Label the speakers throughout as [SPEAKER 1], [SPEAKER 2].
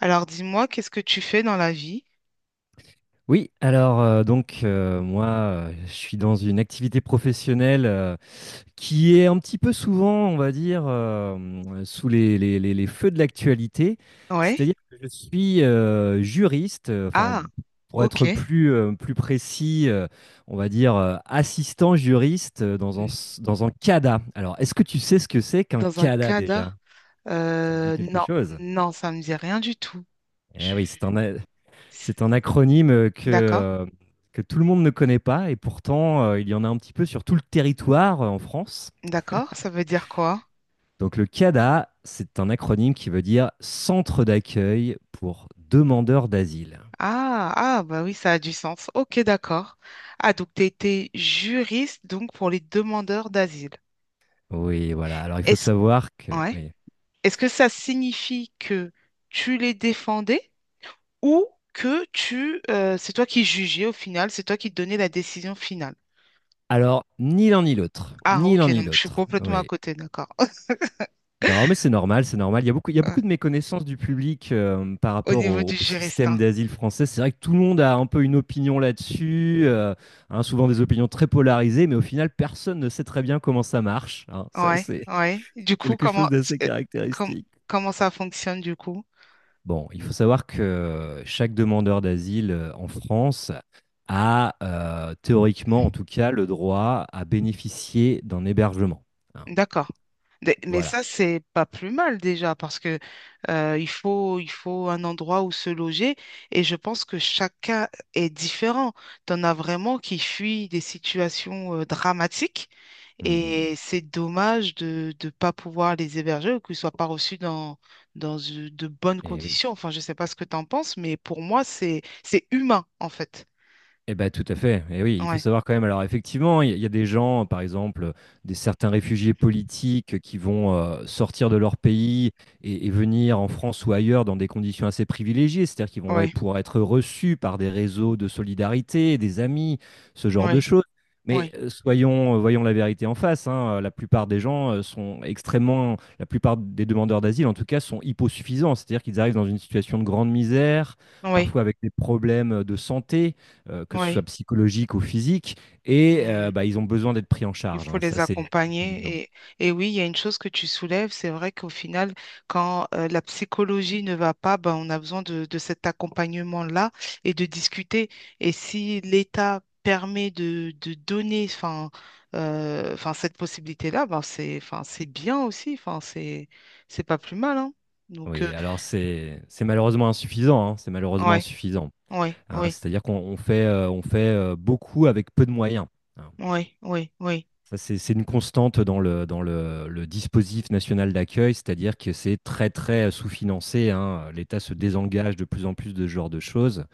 [SPEAKER 1] Alors dis-moi, qu'est-ce que tu fais dans la vie?
[SPEAKER 2] Oui, alors donc moi je suis dans une activité professionnelle qui est un petit peu souvent, on va dire, sous les feux de l'actualité.
[SPEAKER 1] Ouais.
[SPEAKER 2] C'est-à-dire que je suis juriste, enfin
[SPEAKER 1] Ah,
[SPEAKER 2] pour
[SPEAKER 1] ok.
[SPEAKER 2] être plus, plus précis, on va dire assistant juriste dans
[SPEAKER 1] Hmm.
[SPEAKER 2] dans un CADA. Alors, est-ce que tu sais ce que c'est qu'un
[SPEAKER 1] Dans un
[SPEAKER 2] CADA
[SPEAKER 1] CADA?
[SPEAKER 2] déjà? Ça te dit
[SPEAKER 1] Euh,
[SPEAKER 2] quelque
[SPEAKER 1] non,
[SPEAKER 2] chose?
[SPEAKER 1] non, ça me dit rien du tout.
[SPEAKER 2] Eh
[SPEAKER 1] Je-
[SPEAKER 2] oui, c'est un acronyme
[SPEAKER 1] D'accord,
[SPEAKER 2] que tout le monde ne connaît pas, et pourtant il y en a un petit peu sur tout le territoire en France.
[SPEAKER 1] d'accord, ça veut dire quoi?
[SPEAKER 2] Donc le CADA, c'est un acronyme qui veut dire Centre d'accueil pour demandeurs d'asile.
[SPEAKER 1] Ah, ah, bah oui, ça a du sens. Ok, d'accord. Ah, donc tu étais juriste donc pour les demandeurs d'asile.
[SPEAKER 2] Oui, voilà. Alors, il faut
[SPEAKER 1] Est-ce
[SPEAKER 2] savoir que,
[SPEAKER 1] ouais.
[SPEAKER 2] oui.
[SPEAKER 1] Est-ce que ça signifie que tu les défendais ou que tu c'est toi qui jugeais au final, c'est toi qui donnais la décision finale?
[SPEAKER 2] Alors, ni l'un ni l'autre,
[SPEAKER 1] Ah,
[SPEAKER 2] ni l'un
[SPEAKER 1] ok,
[SPEAKER 2] ni
[SPEAKER 1] donc je suis
[SPEAKER 2] l'autre.
[SPEAKER 1] complètement à
[SPEAKER 2] Oui.
[SPEAKER 1] côté, d'accord.
[SPEAKER 2] Non, mais c'est normal, c'est normal. Il y a beaucoup, il y a
[SPEAKER 1] Ouais,
[SPEAKER 2] beaucoup de méconnaissance du public par
[SPEAKER 1] au
[SPEAKER 2] rapport
[SPEAKER 1] niveau du
[SPEAKER 2] au système
[SPEAKER 1] Géristan.
[SPEAKER 2] d'asile français. C'est vrai que tout le monde a un peu une opinion là-dessus, hein, souvent des opinions très polarisées, mais au final, personne ne sait très bien comment ça marche, hein. Ça,
[SPEAKER 1] Ouais,
[SPEAKER 2] c'est
[SPEAKER 1] ouais. Du
[SPEAKER 2] c'est
[SPEAKER 1] coup,
[SPEAKER 2] quelque chose
[SPEAKER 1] comment,
[SPEAKER 2] d'assez
[SPEAKER 1] euh, com-
[SPEAKER 2] caractéristique.
[SPEAKER 1] comment ça fonctionne du coup?
[SPEAKER 2] Bon, il faut savoir que chaque demandeur d'asile en France a théoriquement, en tout cas, le droit à bénéficier d'un hébergement, hein.
[SPEAKER 1] D'accord. Mais
[SPEAKER 2] Voilà.
[SPEAKER 1] ça, c'est pas plus mal déjà parce que il faut un endroit où se loger et je pense que chacun est différent. T'en as vraiment qui fuient des situations dramatiques
[SPEAKER 2] Mhm.
[SPEAKER 1] et c'est dommage de ne pas pouvoir les héberger ou qu'ils soient pas reçus dans, dans de bonnes
[SPEAKER 2] Eh oui.
[SPEAKER 1] conditions. Enfin, je sais pas ce que t'en penses, mais pour moi, c'est humain en fait.
[SPEAKER 2] Eh ben, tout à fait, et oui, il faut
[SPEAKER 1] Ouais,
[SPEAKER 2] savoir quand même, alors, effectivement, il y a des gens, par exemple, des certains réfugiés politiques qui vont, sortir de leur pays et venir en France ou ailleurs dans des conditions assez privilégiées. C'est-à-dire qu'ils vont, ouais,
[SPEAKER 1] ouais,
[SPEAKER 2] pouvoir être reçus par des réseaux de solidarité, des amis, ce genre de
[SPEAKER 1] ouais,
[SPEAKER 2] choses. Mais,
[SPEAKER 1] ouais,
[SPEAKER 2] voyons la vérité en face, hein, la plupart des gens, sont extrêmement, la plupart des demandeurs d'asile, en tout cas, sont hyposuffisants. C'est-à-dire qu'ils arrivent dans une situation de grande misère,
[SPEAKER 1] ouais,
[SPEAKER 2] parfois avec des problèmes de santé que ce soit
[SPEAKER 1] ouais.
[SPEAKER 2] psychologique ou physique, et
[SPEAKER 1] Mmh.
[SPEAKER 2] bah, ils ont besoin d'être pris en
[SPEAKER 1] Il
[SPEAKER 2] charge,
[SPEAKER 1] faut
[SPEAKER 2] hein, ça
[SPEAKER 1] les
[SPEAKER 2] c'est évident.
[SPEAKER 1] accompagner. Et oui, il y a une chose que tu soulèves, c'est vrai qu'au final, quand la psychologie ne va pas, ben, on a besoin de cet accompagnement-là et de discuter. Et si l'État permet de donner enfin, enfin, cette possibilité-là, ben, c'est, enfin, c'est bien aussi, enfin, c'est pas plus mal, hein. Donc,
[SPEAKER 2] Oui, alors, c'est malheureusement insuffisant, hein, c'est malheureusement
[SPEAKER 1] ouais,
[SPEAKER 2] insuffisant,
[SPEAKER 1] ouais,
[SPEAKER 2] hein,
[SPEAKER 1] ouais
[SPEAKER 2] c'est-à-dire qu'on fait beaucoup avec peu de moyens, hein.
[SPEAKER 1] ouais ouais oui.
[SPEAKER 2] Ça c'est une constante dans le, le dispositif national d'accueil, c'est-à-dire que c'est très très sous-financé, hein. L'État se désengage de plus en plus de ce genre de choses,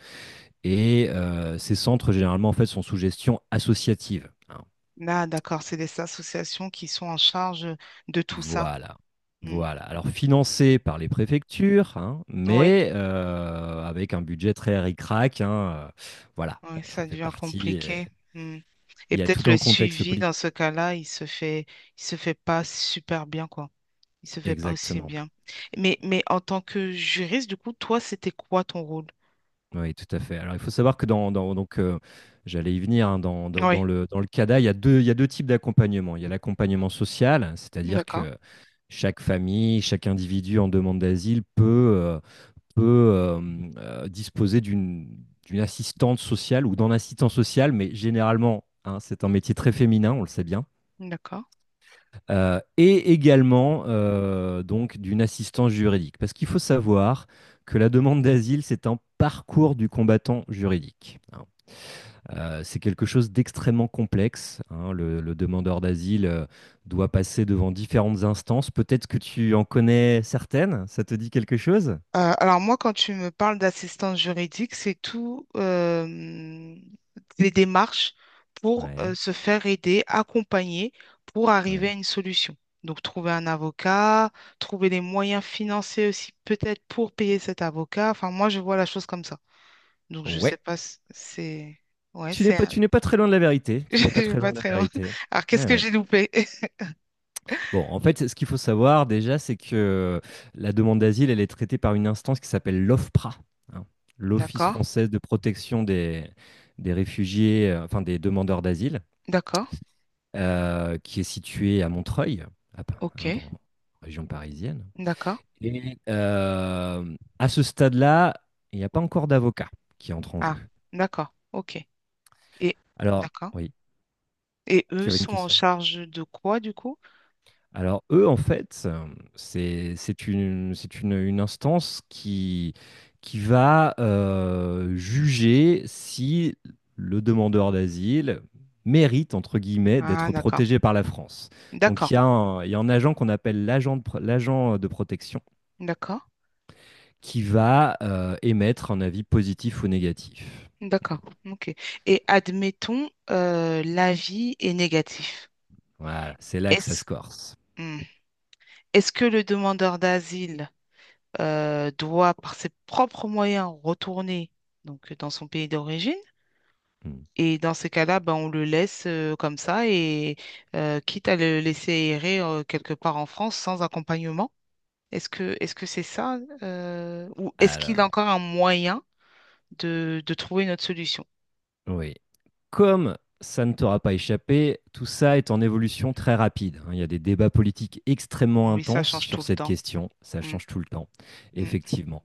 [SPEAKER 2] et ces centres généralement en fait sont sous gestion associative, hein.
[SPEAKER 1] Là, d'accord, c'est des associations qui sont en charge de tout ça.
[SPEAKER 2] Voilà.
[SPEAKER 1] Mm.
[SPEAKER 2] Voilà. Alors, financé par les préfectures, hein,
[SPEAKER 1] Oui.
[SPEAKER 2] mais avec un budget très ric-rac, hein, voilà.
[SPEAKER 1] Ouais,
[SPEAKER 2] Bon,
[SPEAKER 1] ça
[SPEAKER 2] ça fait
[SPEAKER 1] devient
[SPEAKER 2] partie,
[SPEAKER 1] compliqué. Mm. Et
[SPEAKER 2] il y a
[SPEAKER 1] peut-être
[SPEAKER 2] tout
[SPEAKER 1] le
[SPEAKER 2] un contexte
[SPEAKER 1] suivi dans
[SPEAKER 2] politique.
[SPEAKER 1] ce cas-là, il se fait pas super bien, quoi. Il se fait pas aussi
[SPEAKER 2] Exactement.
[SPEAKER 1] bien. Mais en tant que juriste, du coup, toi, c'était quoi ton rôle?
[SPEAKER 2] Oui, tout à fait. Alors, il faut savoir que j'allais y venir, hein, dans
[SPEAKER 1] Oui,
[SPEAKER 2] le CADA, il y a deux types d'accompagnement. Il y a l'accompagnement social, c'est-à-dire
[SPEAKER 1] d'accord,
[SPEAKER 2] que chaque famille, chaque individu en demande d'asile peut euh, peut euh, disposer d'une assistante sociale ou d'un assistant social, mais généralement, hein, c'est un métier très féminin, on le sait bien.
[SPEAKER 1] d'accord.
[SPEAKER 2] Et également donc d'une assistance juridique. Parce qu'il faut savoir que la demande d'asile, c'est un parcours du combattant juridique, hein. C'est quelque chose d'extrêmement complexe, hein. Le demandeur d'asile doit passer devant différentes instances. Peut-être que tu en connais certaines? Ça te dit quelque chose?
[SPEAKER 1] Alors moi, quand tu me parles d'assistance juridique, c'est tout les démarches pour
[SPEAKER 2] Ouais,
[SPEAKER 1] se faire aider, accompagner pour arriver
[SPEAKER 2] ouais.
[SPEAKER 1] à une solution. Donc trouver un avocat, trouver les moyens financiers aussi peut-être pour payer cet avocat. Enfin moi, je vois la chose comme ça. Donc je sais
[SPEAKER 2] Ouais.
[SPEAKER 1] pas, si c'est ouais,
[SPEAKER 2] Tu n'es
[SPEAKER 1] c'est
[SPEAKER 2] pas,
[SPEAKER 1] un-
[SPEAKER 2] tu n'es pas très loin de la vérité. Tu n'es pas
[SPEAKER 1] je vais
[SPEAKER 2] très loin
[SPEAKER 1] pas
[SPEAKER 2] de la
[SPEAKER 1] très loin.
[SPEAKER 2] vérité.
[SPEAKER 1] Alors qu'est-ce
[SPEAKER 2] Ouais,
[SPEAKER 1] que
[SPEAKER 2] ouais.
[SPEAKER 1] j'ai loupé?
[SPEAKER 2] Bon, en fait, ce qu'il faut savoir déjà, c'est que euh, la demande d'asile, elle est traitée par une instance qui s'appelle l'OFPRA, hein, l'Office
[SPEAKER 1] D'accord,
[SPEAKER 2] française de protection des réfugiés, enfin, des demandeurs d'asile,
[SPEAKER 1] d'accord,
[SPEAKER 2] qui est située à Montreuil,
[SPEAKER 1] ok,
[SPEAKER 2] hein, dans la région parisienne.
[SPEAKER 1] d'accord.
[SPEAKER 2] Et à ce stade-là, il n'y a pas encore d'avocat qui entre en jeu.
[SPEAKER 1] Ah, d'accord, ok. Et
[SPEAKER 2] Alors,
[SPEAKER 1] d'accord.
[SPEAKER 2] oui,
[SPEAKER 1] Et
[SPEAKER 2] tu
[SPEAKER 1] eux
[SPEAKER 2] avais une
[SPEAKER 1] sont en
[SPEAKER 2] question.
[SPEAKER 1] charge de quoi du coup?
[SPEAKER 2] Alors, eux, en fait, une instance qui va juger si le demandeur d'asile mérite, entre guillemets,
[SPEAKER 1] Ah,
[SPEAKER 2] d'être
[SPEAKER 1] d'accord.
[SPEAKER 2] protégé par la France. Donc
[SPEAKER 1] D'accord.
[SPEAKER 2] il y a un agent qu'on appelle l'agent de protection
[SPEAKER 1] D'accord.
[SPEAKER 2] qui va émettre un avis positif ou négatif.
[SPEAKER 1] D'accord. OK. Et admettons, l'avis est négatif.
[SPEAKER 2] Voilà, c'est là que ça
[SPEAKER 1] Est-ce
[SPEAKER 2] se corse.
[SPEAKER 1] hmm. Est-ce que le demandeur d'asile doit, par ses propres moyens, retourner donc, dans son pays d'origine?
[SPEAKER 2] Hmm.
[SPEAKER 1] Et dans ces cas-là, ben, on le laisse comme ça et quitte à le laisser errer quelque part en France sans accompagnement. Est-ce que c'est ça ou est-ce qu'il a
[SPEAKER 2] Alors...
[SPEAKER 1] encore un moyen? De trouver une autre solution.
[SPEAKER 2] Oui. Comme ça ne t'aura pas échappé, tout ça est en évolution très rapide, hein. Il y a des débats politiques extrêmement
[SPEAKER 1] Oui, ça
[SPEAKER 2] intenses
[SPEAKER 1] change tout
[SPEAKER 2] sur
[SPEAKER 1] le
[SPEAKER 2] cette
[SPEAKER 1] temps.
[SPEAKER 2] question. Ça
[SPEAKER 1] Mm,
[SPEAKER 2] change tout le temps,
[SPEAKER 1] mm.
[SPEAKER 2] effectivement.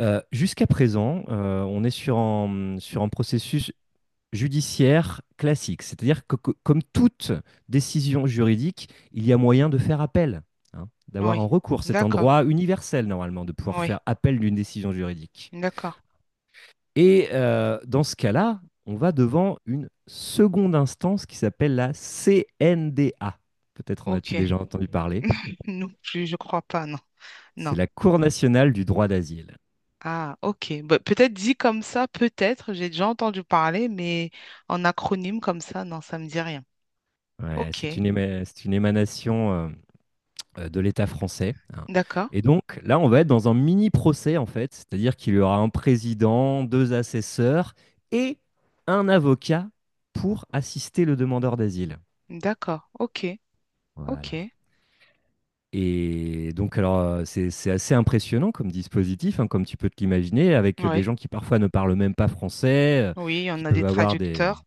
[SPEAKER 2] Jusqu'à présent, on est sur un processus judiciaire classique. C'est-à-dire que, comme toute décision juridique, il y a moyen de faire appel, hein, d'avoir un
[SPEAKER 1] Oui,
[SPEAKER 2] recours. C'est un
[SPEAKER 1] d'accord.
[SPEAKER 2] droit universel, normalement, de pouvoir
[SPEAKER 1] Oui,
[SPEAKER 2] faire appel d'une décision juridique.
[SPEAKER 1] d'accord.
[SPEAKER 2] Et dans ce cas-là, on va devant une seconde instance qui s'appelle la CNDA. Peut-être en as-tu
[SPEAKER 1] Ok.
[SPEAKER 2] déjà entendu parler.
[SPEAKER 1] Non plus, je crois pas, non.
[SPEAKER 2] C'est
[SPEAKER 1] Non.
[SPEAKER 2] la Cour nationale du droit d'asile.
[SPEAKER 1] Ah, ok. Bah, peut-être dit comme ça, peut-être, j'ai déjà entendu parler, mais en acronyme comme ça, non, ça me dit rien.
[SPEAKER 2] Ouais,
[SPEAKER 1] Ok.
[SPEAKER 2] c'est une émanation de l'État français, hein.
[SPEAKER 1] D'accord.
[SPEAKER 2] Et donc là, on va être dans un mini procès en fait, c'est-à-dire qu'il y aura un président, deux assesseurs et un avocat pour assister le demandeur d'asile.
[SPEAKER 1] D'accord. Ok. Ok.
[SPEAKER 2] Voilà. Et donc, alors, c'est assez impressionnant comme dispositif, hein, comme tu peux te l'imaginer, avec des
[SPEAKER 1] Oui.
[SPEAKER 2] gens qui parfois ne parlent même pas français,
[SPEAKER 1] Oui, on
[SPEAKER 2] qui
[SPEAKER 1] a des
[SPEAKER 2] peuvent avoir des.
[SPEAKER 1] traducteurs.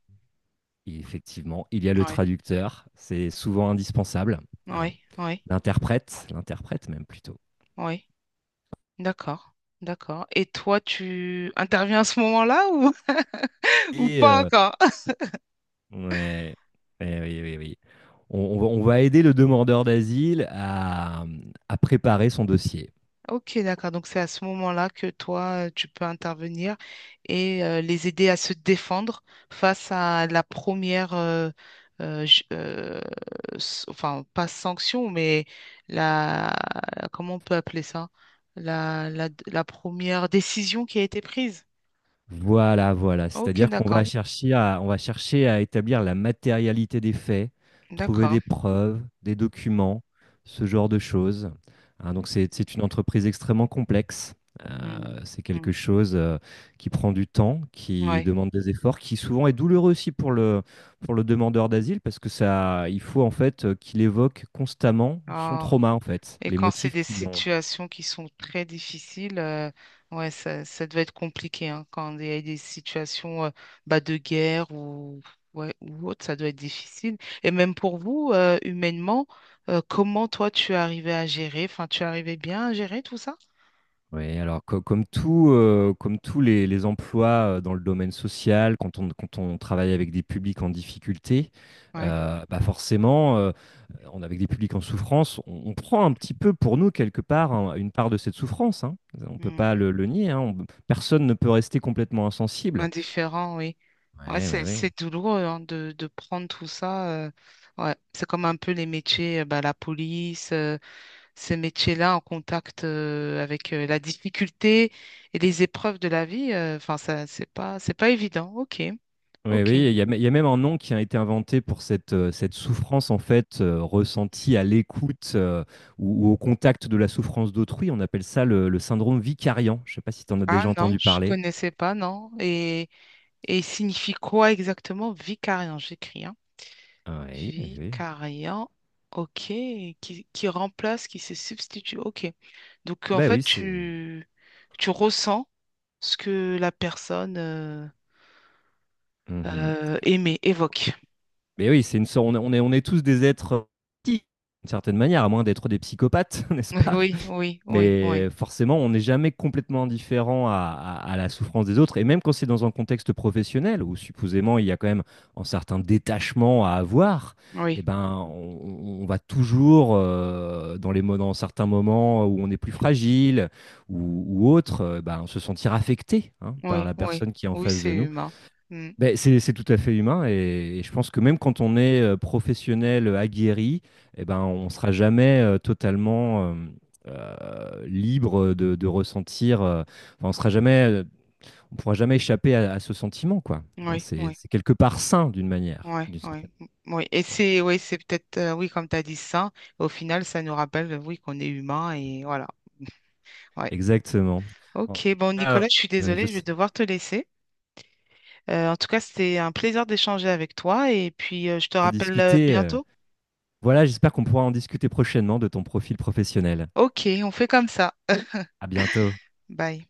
[SPEAKER 2] Et effectivement, il y a le
[SPEAKER 1] Oui.
[SPEAKER 2] traducteur, c'est souvent indispensable, hein.
[SPEAKER 1] Oui. Oui.
[SPEAKER 2] L'interprète même plutôt.
[SPEAKER 1] Oui. D'accord. D'accord. Et toi, tu interviens à ce moment-là ou, ou
[SPEAKER 2] Et
[SPEAKER 1] pas encore?
[SPEAKER 2] ouais, et oui, oui, oui. On va aider le demandeur d'asile à préparer son dossier.
[SPEAKER 1] Ok, d'accord. Donc c'est à ce moment-là que toi, tu peux intervenir et les aider à se défendre face à la première, euh, ju- euh, enfin pas sanction, mais la, comment on peut appeler ça? La première décision qui a été prise.
[SPEAKER 2] Voilà, voilà.
[SPEAKER 1] Ok,
[SPEAKER 2] C'est-à-dire qu'on
[SPEAKER 1] d'accord,
[SPEAKER 2] va chercher à, on va chercher à établir la matérialité des faits, trouver
[SPEAKER 1] d'accord.
[SPEAKER 2] des preuves, des documents, ce genre de choses. Hein, donc c'est une entreprise extrêmement complexe.
[SPEAKER 1] Hmm,
[SPEAKER 2] C'est
[SPEAKER 1] hmm,
[SPEAKER 2] quelque chose qui prend du temps, qui
[SPEAKER 1] ouais.
[SPEAKER 2] demande des efforts, qui souvent est douloureux aussi pour le demandeur d'asile parce que ça, il faut en fait qu'il évoque constamment son
[SPEAKER 1] Ah.
[SPEAKER 2] trauma en fait,
[SPEAKER 1] Et
[SPEAKER 2] les
[SPEAKER 1] quand c'est
[SPEAKER 2] motifs
[SPEAKER 1] des
[SPEAKER 2] qui l'ont.
[SPEAKER 1] situations qui sont très difficiles, ouais, ça doit être compliqué, hein. Quand il y a des situations bah, de guerre ou, ouais, ou autre, ça doit être difficile. Et même pour vous, humainement, comment toi tu arrivais à gérer? Enfin, tu arrivais bien à gérer tout ça?
[SPEAKER 2] Oui, alors, comme tout, comme tous les emplois dans le domaine social, quand on travaille avec des publics en difficulté,
[SPEAKER 1] Ouais.
[SPEAKER 2] bah, forcément, avec des publics en souffrance, on prend un petit peu pour nous quelque part, hein, une part de cette souffrance, hein. On ne peut
[SPEAKER 1] Mm.
[SPEAKER 2] pas le nier, hein. Personne ne peut rester complètement insensible.
[SPEAKER 1] Indifférent, oui. Ouais,
[SPEAKER 2] Oui, oui, oui.
[SPEAKER 1] c'est douloureux hein, de prendre tout ça. Ouais. C'est comme un peu les métiers, bah, la police. Ce métier-là en contact avec la difficulté et les épreuves de la vie, enfin ça c'est pas évident. Ok,
[SPEAKER 2] Oui,
[SPEAKER 1] ok.
[SPEAKER 2] oui, il y a même un nom qui a été inventé pour cette souffrance en fait ressentie à l'écoute ou au contact de la souffrance d'autrui. On appelle ça le syndrome vicariant. Je ne sais pas si tu en as
[SPEAKER 1] Ah
[SPEAKER 2] déjà
[SPEAKER 1] non,
[SPEAKER 2] entendu
[SPEAKER 1] je
[SPEAKER 2] parler.
[SPEAKER 1] connaissais pas, non. Et il signifie quoi exactement vicariant? J'écris, hein.
[SPEAKER 2] Ah, oui, oui, oui.
[SPEAKER 1] Vicariant, ok, qui remplace, qui se substitue, ok. Donc en
[SPEAKER 2] Bah oui,
[SPEAKER 1] fait,
[SPEAKER 2] c'est.
[SPEAKER 1] tu ressens ce que la personne
[SPEAKER 2] Mhm.
[SPEAKER 1] aimée évoque.
[SPEAKER 2] Mais oui, c'est une sorte. On est tous des êtres d'une certaine manière, à moins d'être des psychopathes, n'est-ce pas?
[SPEAKER 1] Oui, oui, oui, oui,
[SPEAKER 2] Mais forcément, on n'est jamais complètement indifférent à la souffrance des autres. Et même quand c'est dans un contexte professionnel, où supposément il y a quand même un certain détachement à avoir, eh
[SPEAKER 1] oui.
[SPEAKER 2] ben, on va toujours, dans dans certains moments où on est plus fragile ou autre, ben, se sentir affecté, hein, par
[SPEAKER 1] Oui,
[SPEAKER 2] la
[SPEAKER 1] oui,
[SPEAKER 2] personne qui est en
[SPEAKER 1] oui,
[SPEAKER 2] face de
[SPEAKER 1] c'est
[SPEAKER 2] nous.
[SPEAKER 1] humain. Mm.
[SPEAKER 2] Ben, c'est tout à fait humain et je pense que même quand on est professionnel aguerri, eh ben, on ne sera jamais totalement libre de ressentir, enfin, on sera jamais, on pourra jamais échapper à ce sentiment, quoi. Hein,
[SPEAKER 1] Oui, oui,
[SPEAKER 2] c'est quelque part sain d'une manière,
[SPEAKER 1] oui,
[SPEAKER 2] d'une
[SPEAKER 1] oui,
[SPEAKER 2] certaine
[SPEAKER 1] mm, oui. Et
[SPEAKER 2] manière.
[SPEAKER 1] c'est, oui, c'est peut-être, oui, comme tu as dit ça, au final, ça nous rappelle, oui, qu'on est humain et voilà. Mmh. Ouais.
[SPEAKER 2] Exactement. En-
[SPEAKER 1] Ok, bon, Nicolas,
[SPEAKER 2] Ah,
[SPEAKER 1] je suis
[SPEAKER 2] je
[SPEAKER 1] désolée, je vais
[SPEAKER 2] sais
[SPEAKER 1] devoir te laisser. En tout cas, c'était un plaisir d'échanger avec toi et puis je te
[SPEAKER 2] en
[SPEAKER 1] rappelle
[SPEAKER 2] discuter,
[SPEAKER 1] bientôt.
[SPEAKER 2] voilà, j'espère qu'on pourra en discuter prochainement de ton profil professionnel.
[SPEAKER 1] Ok, on fait comme ça.
[SPEAKER 2] À bientôt.
[SPEAKER 1] Bye.